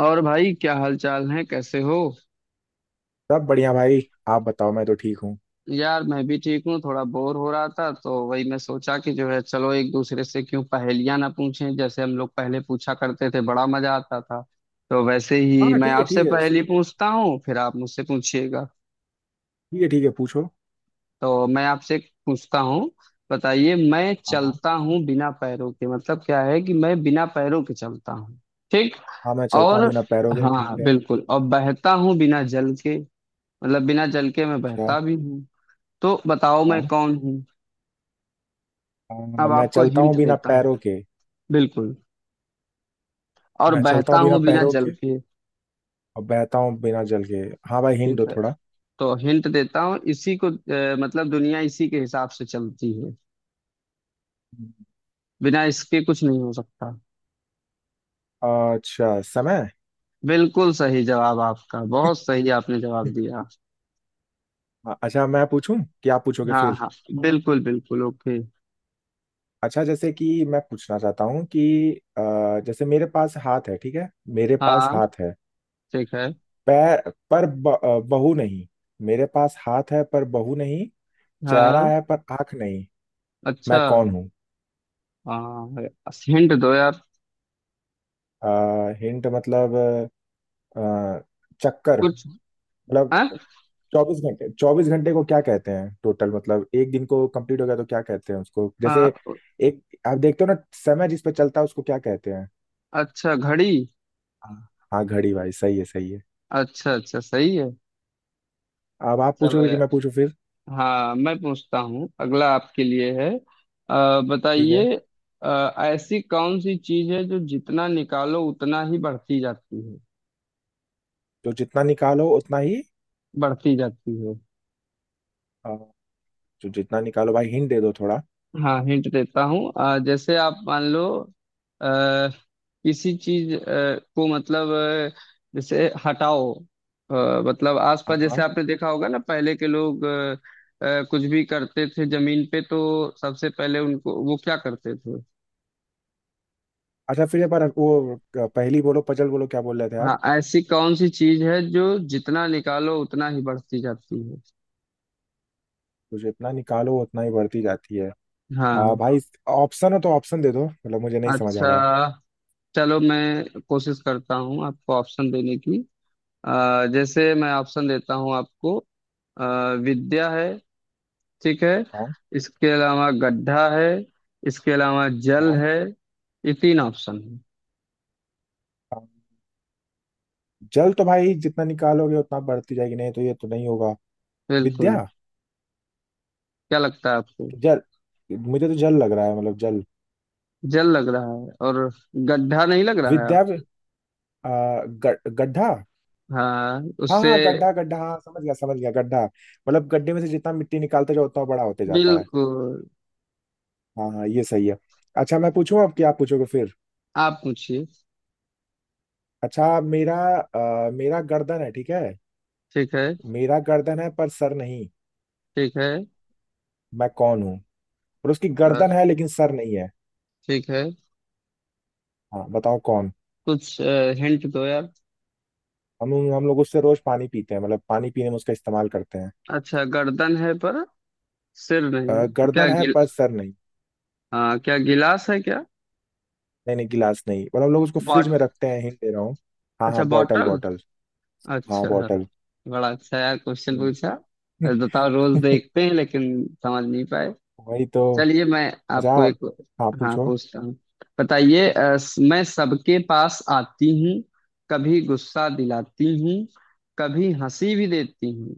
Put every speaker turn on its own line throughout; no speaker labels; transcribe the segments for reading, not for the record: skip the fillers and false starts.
और भाई क्या हाल चाल है, कैसे हो।
सब बढ़िया भाई। आप बताओ। मैं तो ठीक हूँ।
यार मैं भी ठीक हूँ, थोड़ा बोर हो रहा था तो वही मैं सोचा कि जो है चलो एक दूसरे से क्यों पहेलियां ना पूछें, जैसे हम लोग पहले पूछा करते थे, बड़ा मजा आता था। तो वैसे ही
हाँ
मैं
ठीक है
आपसे
ठीक है,
पहेली
शुरू कर।
पूछता हूँ, फिर आप मुझसे पूछिएगा।
ठीक है ठीक है, पूछो।
तो मैं आपसे एक पूछता हूँ। बताइए, मैं
हाँ हाँ।
चलता हूँ बिना पैरों के। मतलब क्या है कि मैं बिना पैरों के चलता हूँ। ठीक।
हाँ मैं चलता हूँ
और
बिना पैरों के,
हाँ
ठीक
हाँ,
है।
बिल्कुल, और बहता हूँ बिना जल के। मतलब बिना जल के मैं
अच्छा।
बहता भी हूँ। तो बताओ मैं
हाँ
कौन हूँ।
हाँ,
अब
मैं
आपको
चलता हूँ
हिंट
बिना
देता हूँ।
पैरों के।
बिल्कुल। और
मैं चलता
बहता
हूँ बिना
हूँ बिना
पैरों
जल
के
के।
और बहता हूँ बिना जल के। हाँ भाई, हिंट
ठीक
दो
है,
थोड़ा।
तो हिंट देता हूँ इसी को। मतलब दुनिया इसी के हिसाब से चलती है, बिना इसके कुछ नहीं हो सकता।
अच्छा, समय।
बिल्कुल सही जवाब आपका, बहुत सही आपने जवाब दिया।
हाँ, अच्छा मैं पूछूं कि आप पूछोगे
हाँ
फिर।
हाँ, बिल्कुल बिल्कुल, ओके।
अच्छा जैसे कि मैं पूछना चाहता हूँ कि जैसे मेरे पास हाथ है, ठीक है। मेरे पास
हाँ
हाथ है,
ठीक है।
पैर पर बहू नहीं। मेरे पास हाथ है पर बहू नहीं। चेहरा
हाँ।
है पर आंख नहीं।
अच्छा।
मैं कौन हूँ?
हाँ हिंट दो यार।
हिंट मतलब अ, चक्कर
कुछ।
मतलब।
हाँ?
चौबीस घंटे, चौबीस घंटे को क्या कहते हैं? टोटल मतलब एक दिन को कंप्लीट हो गया तो क्या कहते हैं उसको? जैसे
अ,
एक आप देखते हो ना, समय जिस पे चलता है उसको क्या कहते हैं?
अच्छा घड़ी।
हाँ हाँ, घड़ी भाई, सही है सही है।
अच्छा अच्छा, सही है।
अब आप
चलो
पूछोगे कि
यार।
मैं पूछूं फिर?
हाँ, मैं पूछता हूँ, अगला आपके लिए है।
ठीक है।
बताइए। ऐसी कौन सी चीज है जो जितना निकालो उतना ही बढ़ती जाती है।
तो जितना निकालो उतना ही।
बढ़ती जाती है।
अ, जो जितना निकालो, भाई हिंट दे दो थोड़ा।
हाँ हिंट देता हूँ। जैसे आप मान लो, अ, किसी चीज को मतलब, जैसे हटाओ। अ, मतलब आसपास,
हाँ
जैसे
हाँ।
आपने देखा होगा ना, पहले के लोग कुछ भी करते थे जमीन पे, तो सबसे पहले उनको वो क्या करते थे।
अच्छा फिर एक बार वो पहली बोलो, पजल बोलो, क्या बोल रहे थे
हाँ,
आप?
ऐसी कौन सी चीज है जो जितना निकालो उतना ही बढ़ती जाती है।
तो जितना निकालो उतना ही बढ़ती जाती है।
हाँ।
भाई, ऑप्शन हो तो ऑप्शन दे दो, मतलब मुझे नहीं समझ आ
अच्छा।
रहा।
चलो मैं कोशिश करता हूँ आपको ऑप्शन देने की। जैसे मैं ऑप्शन देता हूँ आपको। अ, विद्या है, ठीक है।
हाँ
इसके अलावा गड्ढा है। इसके अलावा जल
हाँ
है। ये तीन ऑप्शन है।
हाँ। जल तो भाई, जितना निकालोगे उतना बढ़ती जाएगी, नहीं तो ये तो नहीं होगा। विद्या।
बिल्कुल। क्या लगता है आपको।
जल। मुझे तो जल लग रहा है, मतलब जल।
जल लग रहा है, और गड्ढा नहीं लग रहा है आप।
विद्या। गड्ढा।
हाँ
हाँ
उससे।
हाँ, गड्ढा गड्ढा, हाँ समझ गया समझ गया। गड्ढा मतलब गड्ढे में से जितना मिट्टी निकालते जाओ उतना बड़ा होते जाता है।
बिल्कुल।
हाँ हाँ, ये सही है। अच्छा मैं पूछूं अब, क्या पूछोगे फिर।
आप पूछिए।
अच्छा, मेरा गर्दन है, ठीक है।
ठीक है।
मेरा गर्दन है पर सर नहीं।
ठीक है।
मैं कौन हूँ? और उसकी
अ,
गर्दन है लेकिन सर नहीं है।
ठीक है।
हाँ बताओ, कौन।
कुछ। हिंट दो यार।
हम लोग उससे रोज पानी पीते हैं, मतलब पानी पीने में उसका इस्तेमाल करते हैं।
अच्छा गर्दन है पर सिर नहीं, तो क्या
गर्दन है
गिल
पर सर नहीं।
हाँ, क्या गिलास है क्या।
नहीं नहीं, गिलास नहीं। और हम लोग उसको फ्रिज में
बॉट
रखते हैं, हिंट दे रहा हूँ। हाँ
अच्छा
हाँ, बॉटल
बॉटल।
बॉटल। हाँ,
अच्छा।
बॉटल।
बड़ा अच्छा यार क्वेश्चन
हम्म।
पूछा। बताओ, रोज देखते हैं लेकिन समझ नहीं पाए।
वही तो।
चलिए मैं
अच्छा।
आपको एक।
हाँ
हाँ
पूछो।
पूछता हूँ। बताइए, मैं सबके पास आती हूँ। कभी गुस्सा दिलाती हूँ, कभी हंसी भी देती हूँ,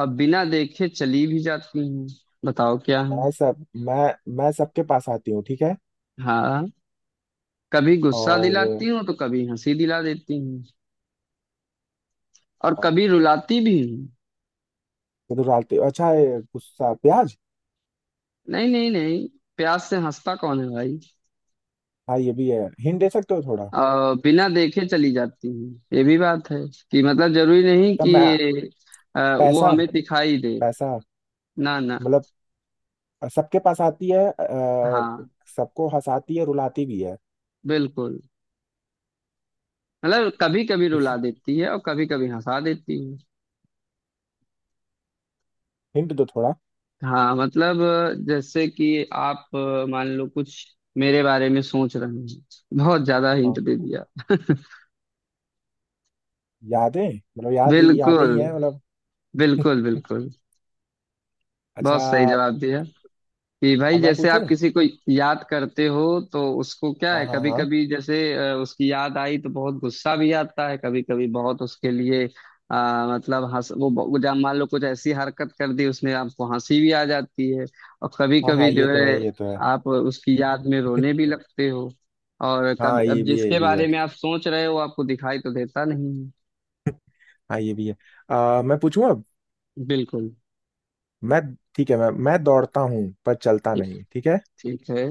और बिना देखे चली भी जाती हूँ। बताओ क्या हूँ।
मैं सब मैं सबके पास आती हूँ, ठीक है।
हाँ, कभी गुस्सा
और
दिलाती हूँ तो कभी हंसी दिला देती हूँ, और
अ,
कभी रुलाती भी हूँ।
तो डालती हूँ, अच्छा ये गुस्सा, प्याज।
नहीं नहीं नहीं, प्यास से हंसता कौन है भाई।
हाँ ये भी है, हिंट दे सकते हो थोड़ा।
बिना देखे चली जाती हैं, ये भी बात है कि मतलब जरूरी नहीं
तब मैं
कि वो
पैसा,
हमें दिखाई दे।
पैसा
ना ना।
मतलब। सबके पास आती है और
हाँ।
सबको हंसाती है, रुलाती भी है।
बिल्कुल। मतलब कभी कभी
कुछ
रुला देती है और कभी कभी हंसा देती है।
हिंट दो थोड़ा।
हाँ मतलब, जैसे कि आप, मान लो कुछ मेरे बारे में सोच रहे हैं। बहुत ज्यादा हिंट
हाँ,
दे दिया
यादें। मतलब याद ही, यादें ही
बिल्कुल।
है मतलब।
बिल्कुल बिल्कुल। बहुत
अच्छा
सही जवाब दिया कि भाई,
अब मैं
जैसे
पूछूं।
आप किसी को याद करते हो तो उसको क्या
हाँ
है,
हाँ
कभी
हाँ
कभी जैसे उसकी याद आई तो बहुत गुस्सा भी आता है, कभी कभी बहुत उसके लिए मतलब हंस वो जब मान लो कुछ ऐसी हरकत कर दी उसने, आपको हंसी भी आ जाती है। और कभी
हाँ। हाँ,
कभी
ये
जो
तो
है
है ये तो है।
आप उसकी याद में रोने भी लगते हो। और कभी,
हाँ, ये
अब
भी है ये
जिसके
भी है।
बारे में आप सोच रहे हो आपको दिखाई तो देता नहीं है।
हाँ, ये भी है। मैं पूछूं अब।
बिल्कुल।
मैं, ठीक है, मैं दौड़ता हूँ पर चलता
ठीक।
नहीं, ठीक है।
ठीक है।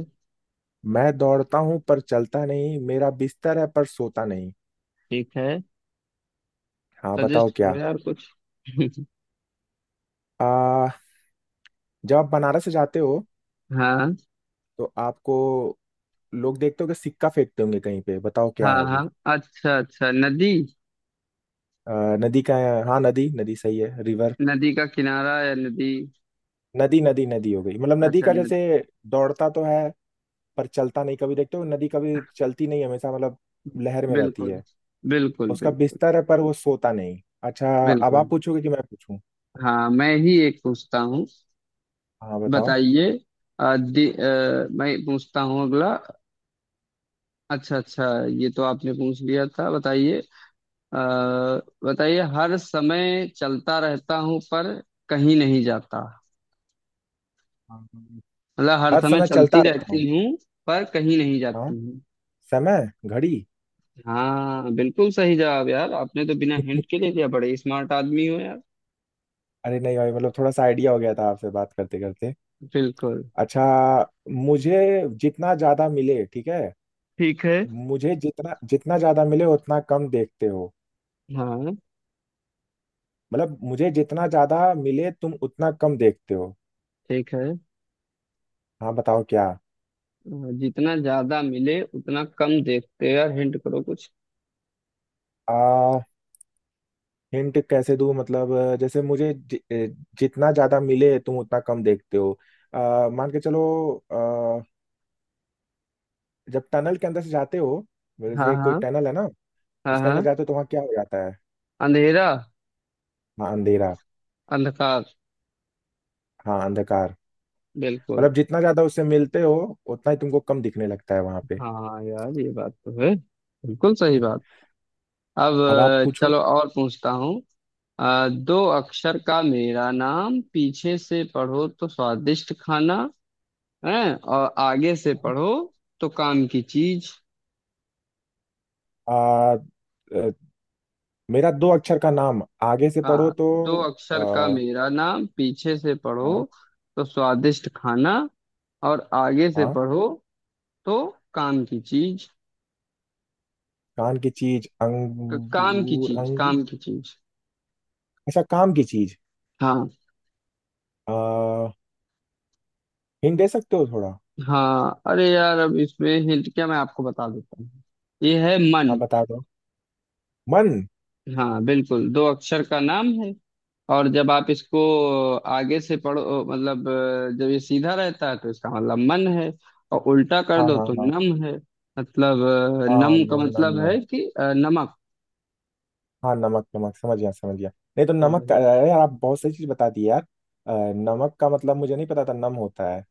मैं दौड़ता हूँ पर चलता नहीं, मेरा बिस्तर है पर सोता नहीं।
ठीक है।
हाँ
सजेस्ट
बताओ क्या।
करो यार कुछ।
आ, जब आप बनारस जाते हो
हाँ
तो आपको लोग देखते होंगे, सिक्का फेंकते होंगे कहीं पे, बताओ क्या
हाँ।
है वो?
हाँ अच्छा अच्छा नदी।
नदी का है, हाँ नदी नदी, सही है, रिवर।
नदी का किनारा या नदी।
नदी नदी नदी हो गई, मतलब नदी
अच्छा
का
नदी।
जैसे। दौड़ता तो है पर चलता नहीं, कभी देखते हो नदी कभी चलती नहीं हमेशा, मतलब लहर में रहती
बिल्कुल।
है।
बिल्कुल
उसका
बिल्कुल।
बिस्तर है पर वो सोता नहीं, अच्छा। अब आप
बिल्कुल।
पूछोगे कि मैं पूछूं।
हाँ मैं ही एक पूछता हूँ।
हाँ बताओ।
बताइए। मैं पूछता हूँ अगला। अच्छा अच्छा, ये तो आपने पूछ लिया था। बताइए। अ, बताइए हर समय चलता रहता हूँ पर कहीं नहीं जाता।
हाँ,
मतलब हर
हर
समय
समय
चलती
चलता रहता हूँ।
रहती हूँ पर कहीं नहीं
हाँ,
जाती।
समय, घड़ी।
हाँ बिल्कुल सही जवाब यार, आपने तो बिना हिंट के ले लिया, बड़े स्मार्ट आदमी हो यार।
अरे नहीं भाई, मतलब थोड़ा सा आइडिया हो गया था आपसे बात करते करते।
बिल्कुल।
अच्छा, मुझे जितना ज्यादा मिले, ठीक है।
ठीक है।
मुझे जितना जितना ज्यादा मिले उतना कम देखते हो।
हाँ
मतलब मुझे जितना ज्यादा मिले तुम उतना कम देखते हो।
ठीक है।
हाँ बताओ क्या।
जितना ज्यादा मिले उतना कम देखते, यार हिंट करो कुछ।
आ हिंट कैसे दूँ मतलब। जैसे जितना ज्यादा मिले तुम उतना कम देखते हो। मान के चलो। आ, जब टनल के अंदर से जाते हो,
हाँ
जैसे कोई
हाँ।
टनल है ना,
हाँ
उसके अंदर
हाँ।
जाते हो तो वहाँ क्या हो जाता है?
अंधेरा।
हाँ, अंधेरा।
अंधकार।
हाँ, अंधकार।
बिल्कुल।
मतलब जितना ज्यादा उससे मिलते हो उतना ही तुमको कम दिखने लगता है वहां पे।
हाँ यार ये बात तो है, बिल्कुल सही बात। अब,
अब आप पूछो।
चलो और पूछता हूँ। दो अक्षर का मेरा नाम पीछे से पढ़ो तो स्वादिष्ट खाना हैं, और आगे से पढ़ो तो काम की चीज।
आ, मेरा दो अक्षर का नाम, आगे से पढ़ो
हाँ,
तो।
दो अक्षर का
आ,
मेरा नाम पीछे से पढ़ो
हाँ
तो स्वादिष्ट खाना, और आगे से
हाँ।
पढ़ो तो काम की चीज।
कान की चीज,
काम की
अंगूर
चीज,
अंगूर।
काम की चीज।
अच्छा, काम की चीज।
हाँ।
आ, हिंट दे सकते हो थोड़ा।
हाँ अरे यार अब इसमें हिंट क्या, मैं आपको बता देता हूँ। ये है मन।
हाँ बता दो। मन।
हाँ बिल्कुल, दो अक्षर का नाम है। और जब आप इसको आगे से पढ़ो, मतलब जब ये सीधा रहता है तो इसका मतलब मन है, और उल्टा कर
हाँ
दो
हाँ
तो
हाँ
नम है। मतलब
हाँ,
नम का
नम नम
मतलब
नम।
है कि नमक।
हाँ नमक नमक, समझ गया समझ गया। नहीं तो
तो
नमक का,
वही।
अरे यार आप बहुत सही चीज बता दी यार। अ, नमक का मतलब मुझे नहीं पता था नम होता है।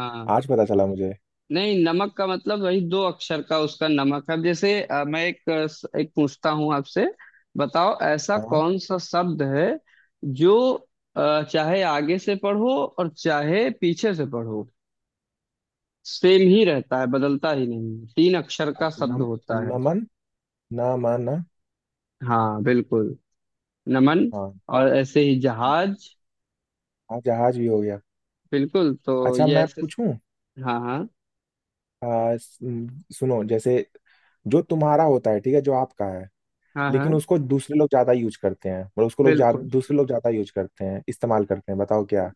आज पता चला मुझे।
नहीं नमक का मतलब वही दो अक्षर का उसका, नमक है। अब जैसे मैं एक, एक पूछता हूँ आपसे। बताओ ऐसा
हाँ
कौन सा शब्द है जो चाहे आगे से पढ़ो और चाहे पीछे से पढ़ो सेम ही रहता है, बदलता ही नहीं है। तीन अक्षर का शब्द
नम,
होता है।
नमन, नमन।
हाँ बिल्कुल, नमन।
हाँ,
और ऐसे ही जहाज।
हाँ जहाज भी हो गया।
बिल्कुल, तो
अच्छा
ये
मैं
ऐसे।
पूछूं।
हाँ हाँ।
सुनो, जैसे जो तुम्हारा होता है, ठीक है, जो आपका है,
हाँ।
लेकिन
हाँ
उसको दूसरे लोग ज्यादा यूज करते हैं, और उसको
बिल्कुल,
दूसरे लोग ज्यादा यूज करते हैं, इस्तेमाल करते हैं, बताओ क्या?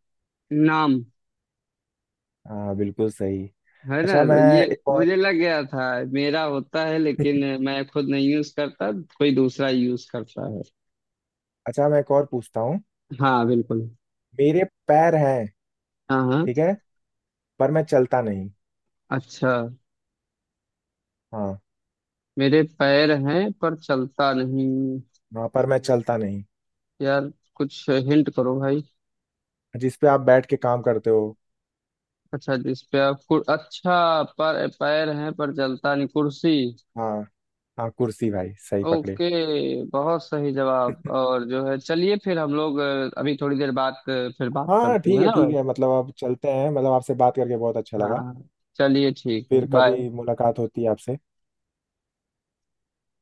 नाम
हाँ, बिल्कुल सही।
है ना,
अच्छा मैं
तो ये
एक और
मुझे लग गया था। मेरा होता है लेकिन मैं खुद नहीं यूज करता, कोई दूसरा यूज करता है।
अच्छा मैं एक और पूछता हूँ।
हाँ बिल्कुल।
मेरे पैर हैं,
हाँ हाँ।
ठीक है, पर मैं चलता नहीं।
अच्छा।
हाँ
मेरे पैर हैं पर चलता नहीं।
हाँ, पर मैं चलता नहीं।
यार कुछ हिंट करो भाई।
जिस पे आप बैठ के काम करते हो।
अच्छा जिस पे आप अच्छा, पर पैर हैं पर चलता नहीं, कुर्सी।
हाँ हाँ, कुर्सी भाई, सही पकड़े।
ओके, बहुत सही जवाब। और जो है चलिए फिर हम लोग, अभी थोड़ी देर बाद फिर बात
हाँ हाँ,
करते
ठीक
हैं
है
ना।
ठीक है, मतलब आप चलते हैं, मतलब आपसे बात करके बहुत अच्छा लगा।
हाँ। चलिए ठीक है,
फिर
बाय।
कभी मुलाकात होती है आपसे।